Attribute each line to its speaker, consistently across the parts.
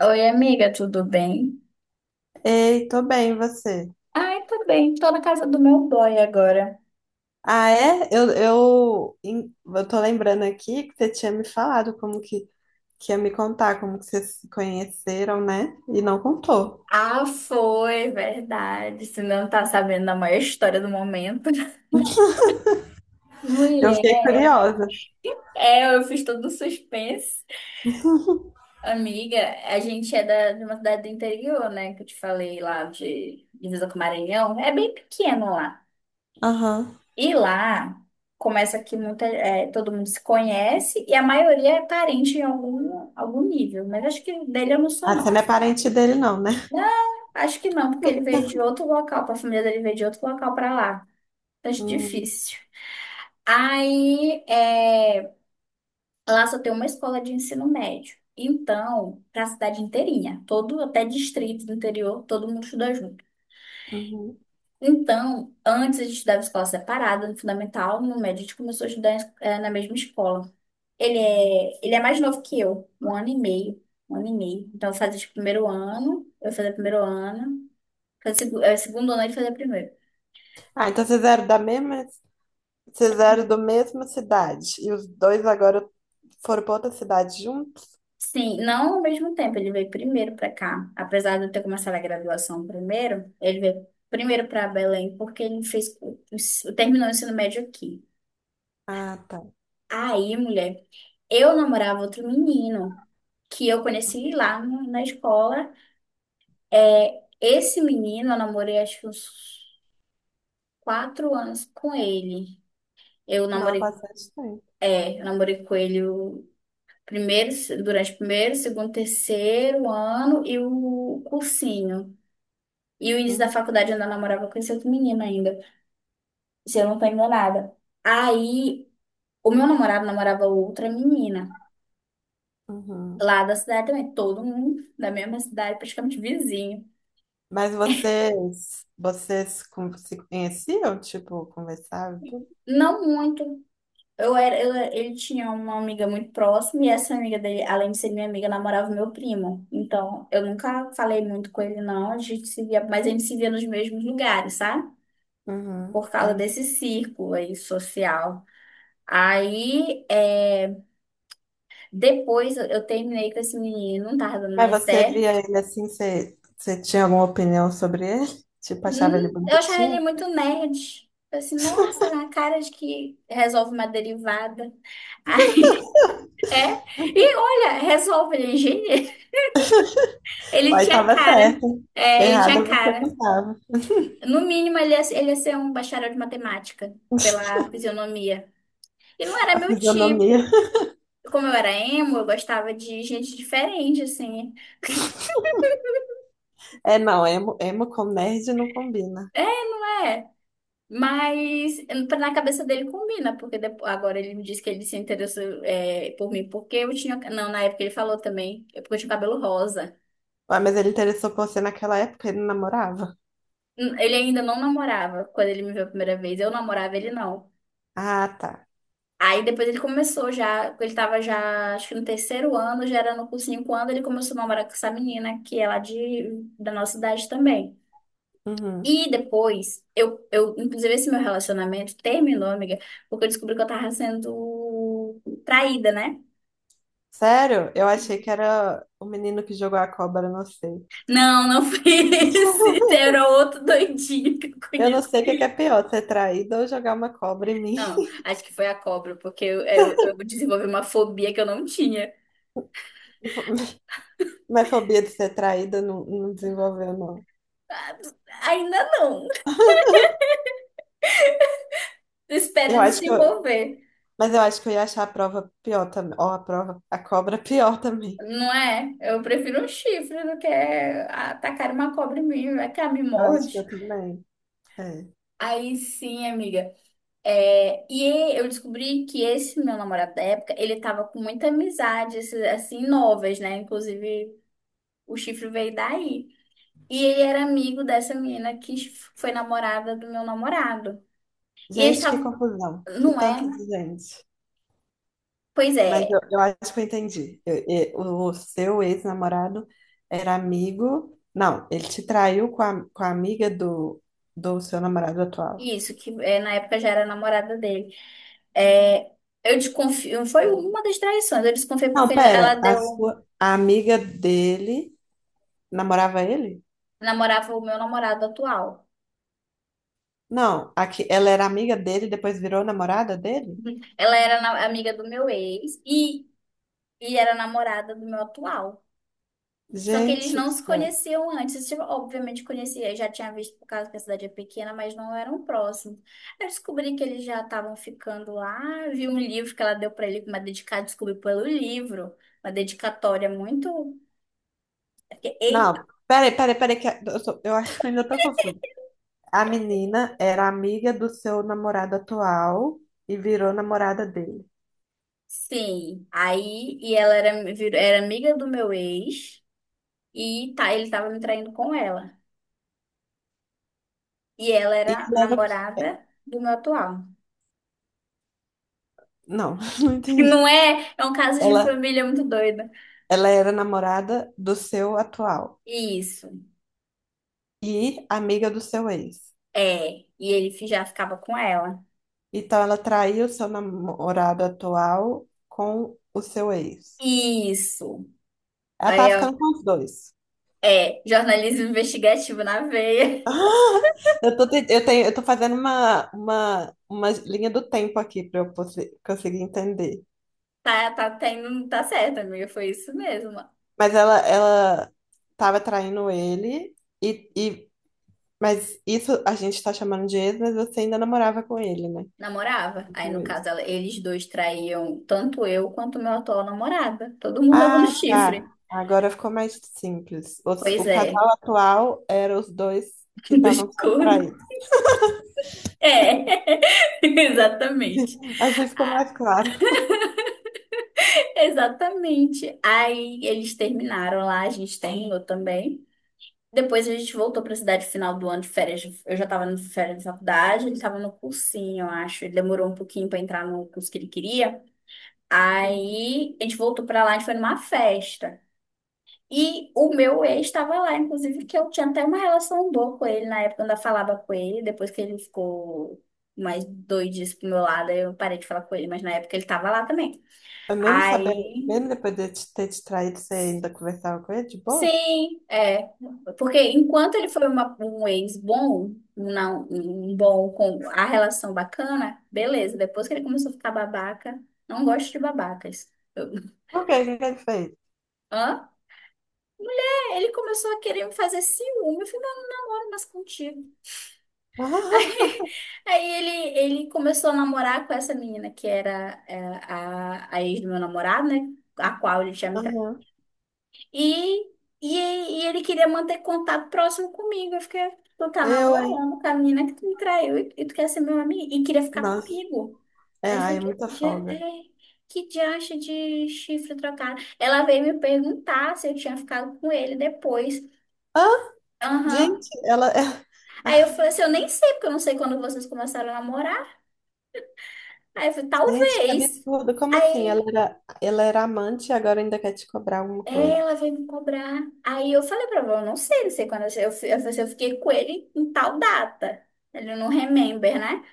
Speaker 1: Oi, amiga, tudo bem?
Speaker 2: Ei, tô bem, e você?
Speaker 1: Ai, tudo bem. Tô na casa do meu boy agora.
Speaker 2: Ah, é? Eu tô lembrando aqui que você tinha me falado que ia me contar, como que vocês se conheceram, né? E não contou.
Speaker 1: Ah, foi, verdade. Você não tá sabendo da maior história do momento.
Speaker 2: Eu fiquei
Speaker 1: Mulher,
Speaker 2: curiosa.
Speaker 1: eu fiz todo um suspense. Amiga, a gente é de uma cidade do interior, né? Que eu te falei lá de divisa com o Maranhão. É bem pequeno lá.
Speaker 2: Aham.
Speaker 1: E lá começa que todo mundo se conhece e a maioria é parente em algum nível. Mas acho que dele eu não sou,
Speaker 2: Ah, você
Speaker 1: não.
Speaker 2: não é parente dele, não, né?
Speaker 1: Não, acho que não, porque ele veio de outro local, a família dele veio de outro local pra lá. Acho
Speaker 2: Uhum,
Speaker 1: difícil. Aí, lá só tem uma escola de ensino médio. Então, para a cidade inteirinha, todo até distrito do interior, todo mundo estuda junto.
Speaker 2: uhum.
Speaker 1: Então, antes a gente estudava escola separada, no fundamental, no médio a gente começou a estudar na mesma escola. Ele é mais novo que eu, um ano e meio, um ano e meio. Então, eu fazia tipo, primeiro ano, eu fazia primeiro ano, segundo ano ele fazia primeiro.
Speaker 2: Ah, então vocês eram do mesma cidade. E os dois agora foram pra outra cidade juntos?
Speaker 1: Sim, não ao mesmo tempo, ele veio primeiro para cá. Apesar de eu ter começado a graduação primeiro, ele veio primeiro para Belém porque ele fez terminou o ensino médio aqui.
Speaker 2: Ah, tá.
Speaker 1: Aí, mulher, eu namorava outro menino que eu conheci lá na escola. É, esse menino eu namorei acho que uns 4 anos com ele. Eu
Speaker 2: Não, há
Speaker 1: namorei,
Speaker 2: bastante tempo.
Speaker 1: eu namorei com ele o primeiro, durante o primeiro, segundo, terceiro ano e o cursinho. E o início da
Speaker 2: Uhum,
Speaker 1: faculdade eu ainda namorava com esse outro menino ainda, se eu não tô enganada. Aí, o meu namorado namorava outra menina,
Speaker 2: uhum.
Speaker 1: lá da cidade também, todo mundo da mesma cidade, praticamente vizinho.
Speaker 2: Mas se conheciam, tipo, conversavam e tudo?
Speaker 1: Não muito. Ele tinha uma amiga muito próxima e essa amiga dele, além de ser minha amiga, namorava meu primo. Então, eu nunca falei muito com ele, não. A gente se via, mas a gente se via nos mesmos lugares, sabe?
Speaker 2: Uhum,
Speaker 1: Por causa
Speaker 2: entendi.
Speaker 1: desse círculo aí social. Aí, é Depois eu terminei com esse menino, não tava dando
Speaker 2: Mas
Speaker 1: mais
Speaker 2: você via
Speaker 1: certo.
Speaker 2: ele assim, você tinha alguma opinião sobre ele? Tipo, achava ele
Speaker 1: Eu achava ele
Speaker 2: bonitinho?
Speaker 1: muito nerd. Eu assim, nossa, a cara de que resolve uma derivada. É, e olha, resolve, ele é engenheiro. Ele
Speaker 2: Aí
Speaker 1: tinha
Speaker 2: tava
Speaker 1: cara.
Speaker 2: certo.
Speaker 1: É, ele tinha
Speaker 2: Errada você
Speaker 1: cara.
Speaker 2: não tava.
Speaker 1: No mínimo, ele ia ser um bacharel de matemática, pela fisionomia. E não era
Speaker 2: A
Speaker 1: meu
Speaker 2: fisionomia.
Speaker 1: tipo. Como eu era emo, eu gostava de gente diferente, assim.
Speaker 2: É, não, emo com nerd não combina.
Speaker 1: Mas na cabeça dele combina, porque depois, agora ele me disse que ele se interessou por mim, porque eu tinha. Não, na época ele falou também, é porque eu tinha cabelo rosa.
Speaker 2: Ué, mas ele interessou por você naquela época, ele não namorava?
Speaker 1: Ele ainda não namorava quando ele me viu a primeira vez, eu namorava ele não.
Speaker 2: Ah, tá.
Speaker 1: Aí depois ele começou já, ele tava já, acho que no terceiro ano, já era no cursinho, quando ele começou a namorar com essa menina, que é lá da nossa idade também.
Speaker 2: Uhum.
Speaker 1: E depois, inclusive esse meu relacionamento terminou, amiga, porque eu descobri que eu tava sendo traída, né?
Speaker 2: Sério? Eu achei que era o menino que jogou a cobra, não sei.
Speaker 1: Não, não foi esse. Era outro doidinho que eu
Speaker 2: Eu não sei o que é
Speaker 1: conheci.
Speaker 2: pior, ser traída ou jogar uma cobra em mim.
Speaker 1: Não, acho que foi a cobra, porque eu desenvolvi uma fobia que eu não tinha.
Speaker 2: Minha fobia de ser traída não desenvolveu, não.
Speaker 1: Ah, ainda não. Espero
Speaker 2: Eu acho que eu,
Speaker 1: desenvolver.
Speaker 2: mas eu acho que eu ia achar a prova pior também. Ou a cobra pior também.
Speaker 1: Não é? Eu prefiro um chifre do que atacar uma cobra em mim, vai que ela me
Speaker 2: Eu acho que eu
Speaker 1: morde.
Speaker 2: também. É.
Speaker 1: Aí sim, amiga. É, e eu descobri que esse meu namorado da época, ele tava com muita amizade, esses, assim, novas, né? Inclusive, o chifre veio daí. E ele era amigo dessa menina que foi namorada do meu namorado. E eles
Speaker 2: Gente, que
Speaker 1: estavam.
Speaker 2: confusão. Que
Speaker 1: Não é?
Speaker 2: tanto de gente.
Speaker 1: Pois
Speaker 2: Mas
Speaker 1: é,
Speaker 2: eu acho que eu entendi. O seu ex-namorado era amigo. Não, ele te traiu com com a amiga do seu namorado atual.
Speaker 1: isso, que é, na época já era namorada dele. É, eu desconfio. Foi uma das traições. Eu desconfiei porque
Speaker 2: Não,
Speaker 1: ela
Speaker 2: pera,
Speaker 1: deu.
Speaker 2: a amiga dele namorava ele?
Speaker 1: Namorava o meu namorado atual.
Speaker 2: Não, aqui, ela era amiga dele, depois virou namorada dele?
Speaker 1: Amiga do meu ex e era namorada do meu atual. Só que eles
Speaker 2: Gente do
Speaker 1: não se
Speaker 2: céu.
Speaker 1: conheciam antes. Tipo, obviamente conhecia, já tinha visto por causa que a cidade é pequena, mas não eram próximos. Eu descobri que eles já estavam ficando lá, vi um livro que ela deu pra ele, uma dedicada, descobri pelo livro, uma dedicatória muito. E,
Speaker 2: Não, peraí, eu acho que ainda tô confusa. A menina era amiga do seu namorado atual e virou namorada dele.
Speaker 1: sim, aí e era amiga do meu ex e tá, ele tava me traindo com ela. E ela
Speaker 2: E
Speaker 1: era
Speaker 2: ela era o quê?
Speaker 1: namorada do meu atual.
Speaker 2: Não, não
Speaker 1: Que
Speaker 2: entendi.
Speaker 1: não é, é um caso de
Speaker 2: Ela,
Speaker 1: família muito doido.
Speaker 2: ela era namorada do seu atual
Speaker 1: Isso.
Speaker 2: e amiga do seu ex.
Speaker 1: É, e ele já ficava com ela.
Speaker 2: Então ela traiu o seu namorado atual com o seu ex.
Speaker 1: Isso.
Speaker 2: Ela tava
Speaker 1: Aí, ó,
Speaker 2: ficando com os dois.
Speaker 1: jornalismo investigativo na veia.
Speaker 2: Ah, eu tô, eu tô fazendo uma linha do tempo aqui para eu conseguir entender.
Speaker 1: Tá, tá, tá, tá certo, amiga, foi isso mesmo.
Speaker 2: Mas ela tava traindo ele, e, e, mas isso a gente tá chamando de ex, mas você ainda namorava com ele, né? Com
Speaker 1: Namorava. Aí, no caso,
Speaker 2: ele.
Speaker 1: eles dois traíam tanto eu quanto meu atual namorado. Todo mundo levando
Speaker 2: Ah,
Speaker 1: chifre.
Speaker 2: tá. Agora ficou mais simples.
Speaker 1: Pois é,
Speaker 2: Casal atual era os dois que
Speaker 1: dos
Speaker 2: estavam sendo
Speaker 1: cornos.
Speaker 2: traídos.
Speaker 1: É, exatamente.
Speaker 2: Assim ficou
Speaker 1: Ah,
Speaker 2: mais claro.
Speaker 1: exatamente. Aí eles terminaram lá, a gente terminou também. Depois a gente voltou pra cidade final do ano de férias. Eu já tava no férias de faculdade, ele tava no cursinho, eu acho. Ele demorou um pouquinho pra entrar no curso que ele queria.
Speaker 2: Uhum.
Speaker 1: Aí a gente voltou pra lá, a gente foi numa festa. E o meu ex estava lá, inclusive, que eu tinha até uma relação boa com ele na época, eu ainda falava com ele. Depois que ele ficou mais doidinho pro meu lado, aí eu parei de falar com ele, mas na época ele tava lá também.
Speaker 2: Mas mesmo sabendo, mesmo
Speaker 1: Aí
Speaker 2: depois de ter te traído, você ainda conversava com ele de boa?
Speaker 1: sim, é. Porque enquanto ele foi um ex bom, um não, um bom com a relação bacana, beleza. Depois que ele começou a ficar babaca, não gosto de babacas.
Speaker 2: Por quê? O que que ele fez?
Speaker 1: Hã? É, ele começou a querer me fazer ciúme. Eu falei, não, eu não namoro mais contigo. Aí, aí ele começou a namorar com essa menina que era a ex do meu namorado, né? A qual ele já me.
Speaker 2: Aham.
Speaker 1: E, e, e ele queria manter contato próximo comigo. Eu fiquei, tu tá
Speaker 2: Eu, hein?
Speaker 1: namorando com a menina que tu me traiu e tu quer ser meu amigo e queria ficar
Speaker 2: Nossa,
Speaker 1: comigo.
Speaker 2: é,
Speaker 1: Aí eu
Speaker 2: ai,
Speaker 1: falei,
Speaker 2: é muita folga.
Speaker 1: que diacho de chifre trocado. Ela veio me perguntar se eu tinha ficado com ele depois.
Speaker 2: Hã?
Speaker 1: Aham.
Speaker 2: Gente, ela é.
Speaker 1: Aí eu falei assim, eu nem sei, porque eu não sei quando vocês começaram a namorar. Aí eu falei,
Speaker 2: Gente, que
Speaker 1: talvez.
Speaker 2: absurdo. Como assim?
Speaker 1: Aí
Speaker 2: Ela era amante e agora ainda quer te cobrar alguma
Speaker 1: É,
Speaker 2: coisa.
Speaker 1: ela veio me cobrar. Aí eu falei pra ela, eu não sei, não sei quando falei assim, eu fiquei com ele em tal data. Ele não remember, né?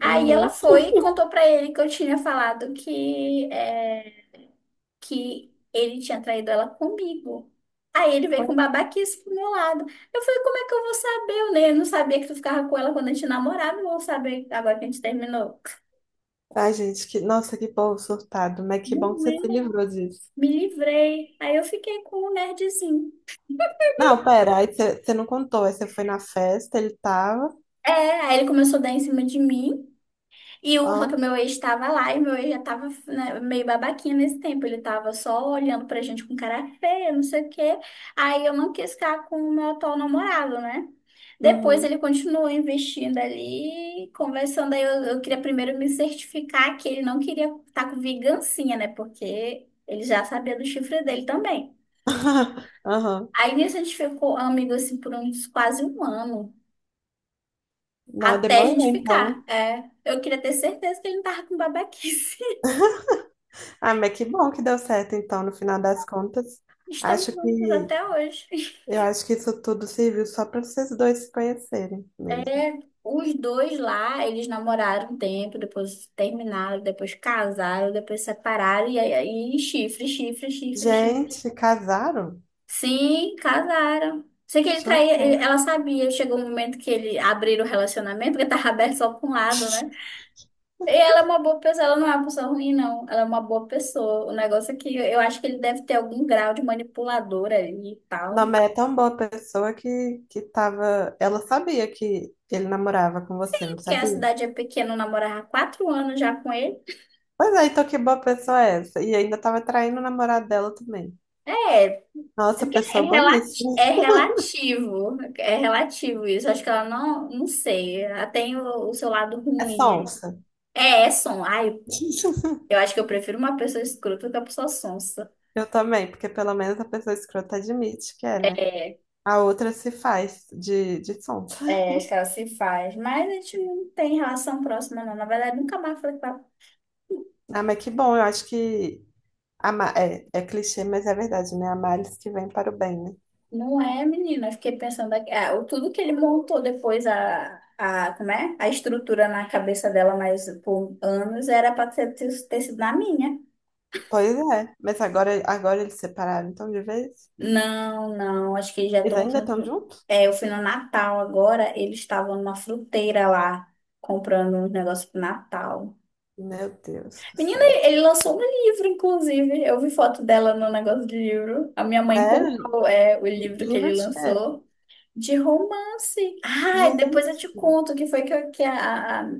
Speaker 1: Aí ela
Speaker 2: Uhum.
Speaker 1: foi e contou pra ele que eu tinha falado que, é, que ele tinha traído ela comigo. Aí ele veio com babaquice pro meu lado. Eu falei, como é que eu vou saber? Eu não sabia que tu ficava com ela quando a gente namorava, eu vou saber agora que a gente terminou.
Speaker 2: Ai, gente, que nossa, que povo surtado. Mas que bom que
Speaker 1: Não
Speaker 2: você
Speaker 1: é?
Speaker 2: se livrou disso.
Speaker 1: Me livrei. Aí eu fiquei com o nerdzinho.
Speaker 2: Não, pera, aí você não contou. Aí você foi na festa, ele tava.
Speaker 1: É, aí ele começou a dar em cima de mim. E o, só que o
Speaker 2: Ó.
Speaker 1: meu ex estava lá e meu ex já estava né, meio babaquinho nesse tempo. Ele estava só olhando pra gente com cara feia, não sei o quê. Aí eu não quis ficar com o meu atual namorado, né? Depois
Speaker 2: Uhum.
Speaker 1: ele continuou investindo ali, conversando. Aí eu queria primeiro me certificar que ele não queria estar com vingancinha, né? Porque ele já sabia do chifre dele também.
Speaker 2: Aham.
Speaker 1: Aí nisso a gente ficou amigo assim por uns quase um ano.
Speaker 2: Não,
Speaker 1: Até a
Speaker 2: demorou
Speaker 1: gente ficar.
Speaker 2: então.
Speaker 1: É, eu queria ter certeza que ele não tava com babaquice.
Speaker 2: Ah, mas que bom que deu certo, então, no final das contas.
Speaker 1: Estamos
Speaker 2: Acho
Speaker 1: juntos
Speaker 2: que
Speaker 1: até hoje.
Speaker 2: eu acho que isso tudo serviu só para vocês dois se conhecerem mesmo.
Speaker 1: É, os dois lá, eles namoraram um tempo, depois terminaram, depois casaram, depois separaram, e aí chifre, chifre, chifre, chifre.
Speaker 2: Gente, casaram?
Speaker 1: Sim, casaram. Sei que ele traía,
Speaker 2: Chocou.
Speaker 1: ela sabia, chegou um momento que ele abriram o relacionamento, porque tava aberto só pra um lado, né? E ela é uma boa pessoa, ela não é uma pessoa ruim, não. Ela é uma boa pessoa. O negócio é que eu acho que ele deve ter algum grau de manipulador ali e
Speaker 2: Não,
Speaker 1: tal.
Speaker 2: mas é tão boa pessoa que tava. Ela sabia que ele namorava com você, não
Speaker 1: Porque a
Speaker 2: sabia?
Speaker 1: cidade é pequena, eu namorava há 4 anos já com ele.
Speaker 2: Pois é, então que boa pessoa é essa? E ainda tava traindo o namorado dela também.
Speaker 1: É, é
Speaker 2: Nossa,
Speaker 1: que
Speaker 2: pessoa boníssima.
Speaker 1: é relativo isso. Acho que ela não, não sei. Ela tem o seu lado
Speaker 2: É
Speaker 1: ruim aí.
Speaker 2: sonsa.
Speaker 1: É, é som. Ai, eu acho que eu prefiro uma pessoa escrota do que uma pessoa sonsa.
Speaker 2: Eu também, porque pelo menos a pessoa escrota admite que é, né?
Speaker 1: É,
Speaker 2: A outra se faz de som.
Speaker 1: é, acho que ela se faz. Mas a gente não tem relação próxima, não. Na verdade, nunca mais falei com ela.
Speaker 2: Ah, mas que bom, eu acho que é clichê, mas é verdade, né? Há males que vem para o bem, né?
Speaker 1: Não é, menina. Eu fiquei pensando aqui. Ah, tudo que ele montou depois, como é? A estrutura na cabeça dela, mas por anos, era pra ter sido na minha.
Speaker 2: Pois é, mas agora eles separaram, então de vez?
Speaker 1: Não, não, acho que eles já
Speaker 2: Eles
Speaker 1: estão
Speaker 2: ainda estão
Speaker 1: junto.
Speaker 2: juntos?
Speaker 1: É, eu fui no Natal agora, eles estavam numa fruteira lá, comprando uns negócios pro Natal.
Speaker 2: Meu Deus do
Speaker 1: Menina,
Speaker 2: céu.
Speaker 1: ele lançou um livro, inclusive. Eu vi foto dela no negócio de livro. A minha mãe
Speaker 2: Sério?
Speaker 1: comprou, é, o livro que
Speaker 2: Livro
Speaker 1: ele
Speaker 2: de quê?
Speaker 1: lançou de romance. Ah, depois eu
Speaker 2: Gente,
Speaker 1: te conto o que foi que, eu, que a-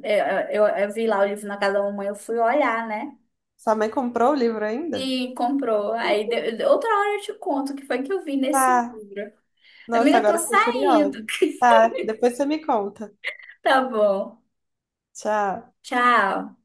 Speaker 1: eu vi lá o livro na casa da mamãe, eu fui olhar, né?
Speaker 2: sua mãe comprou o livro ainda?
Speaker 1: E comprou. Aí outra hora eu te conto o que foi que eu vi nesse
Speaker 2: Tá,
Speaker 1: livro.
Speaker 2: nossa,
Speaker 1: Amiga, eu tô
Speaker 2: agora eu fiquei
Speaker 1: saindo.
Speaker 2: curiosa. Tá, depois você me conta.
Speaker 1: Tá bom.
Speaker 2: Tchau.
Speaker 1: Tchau.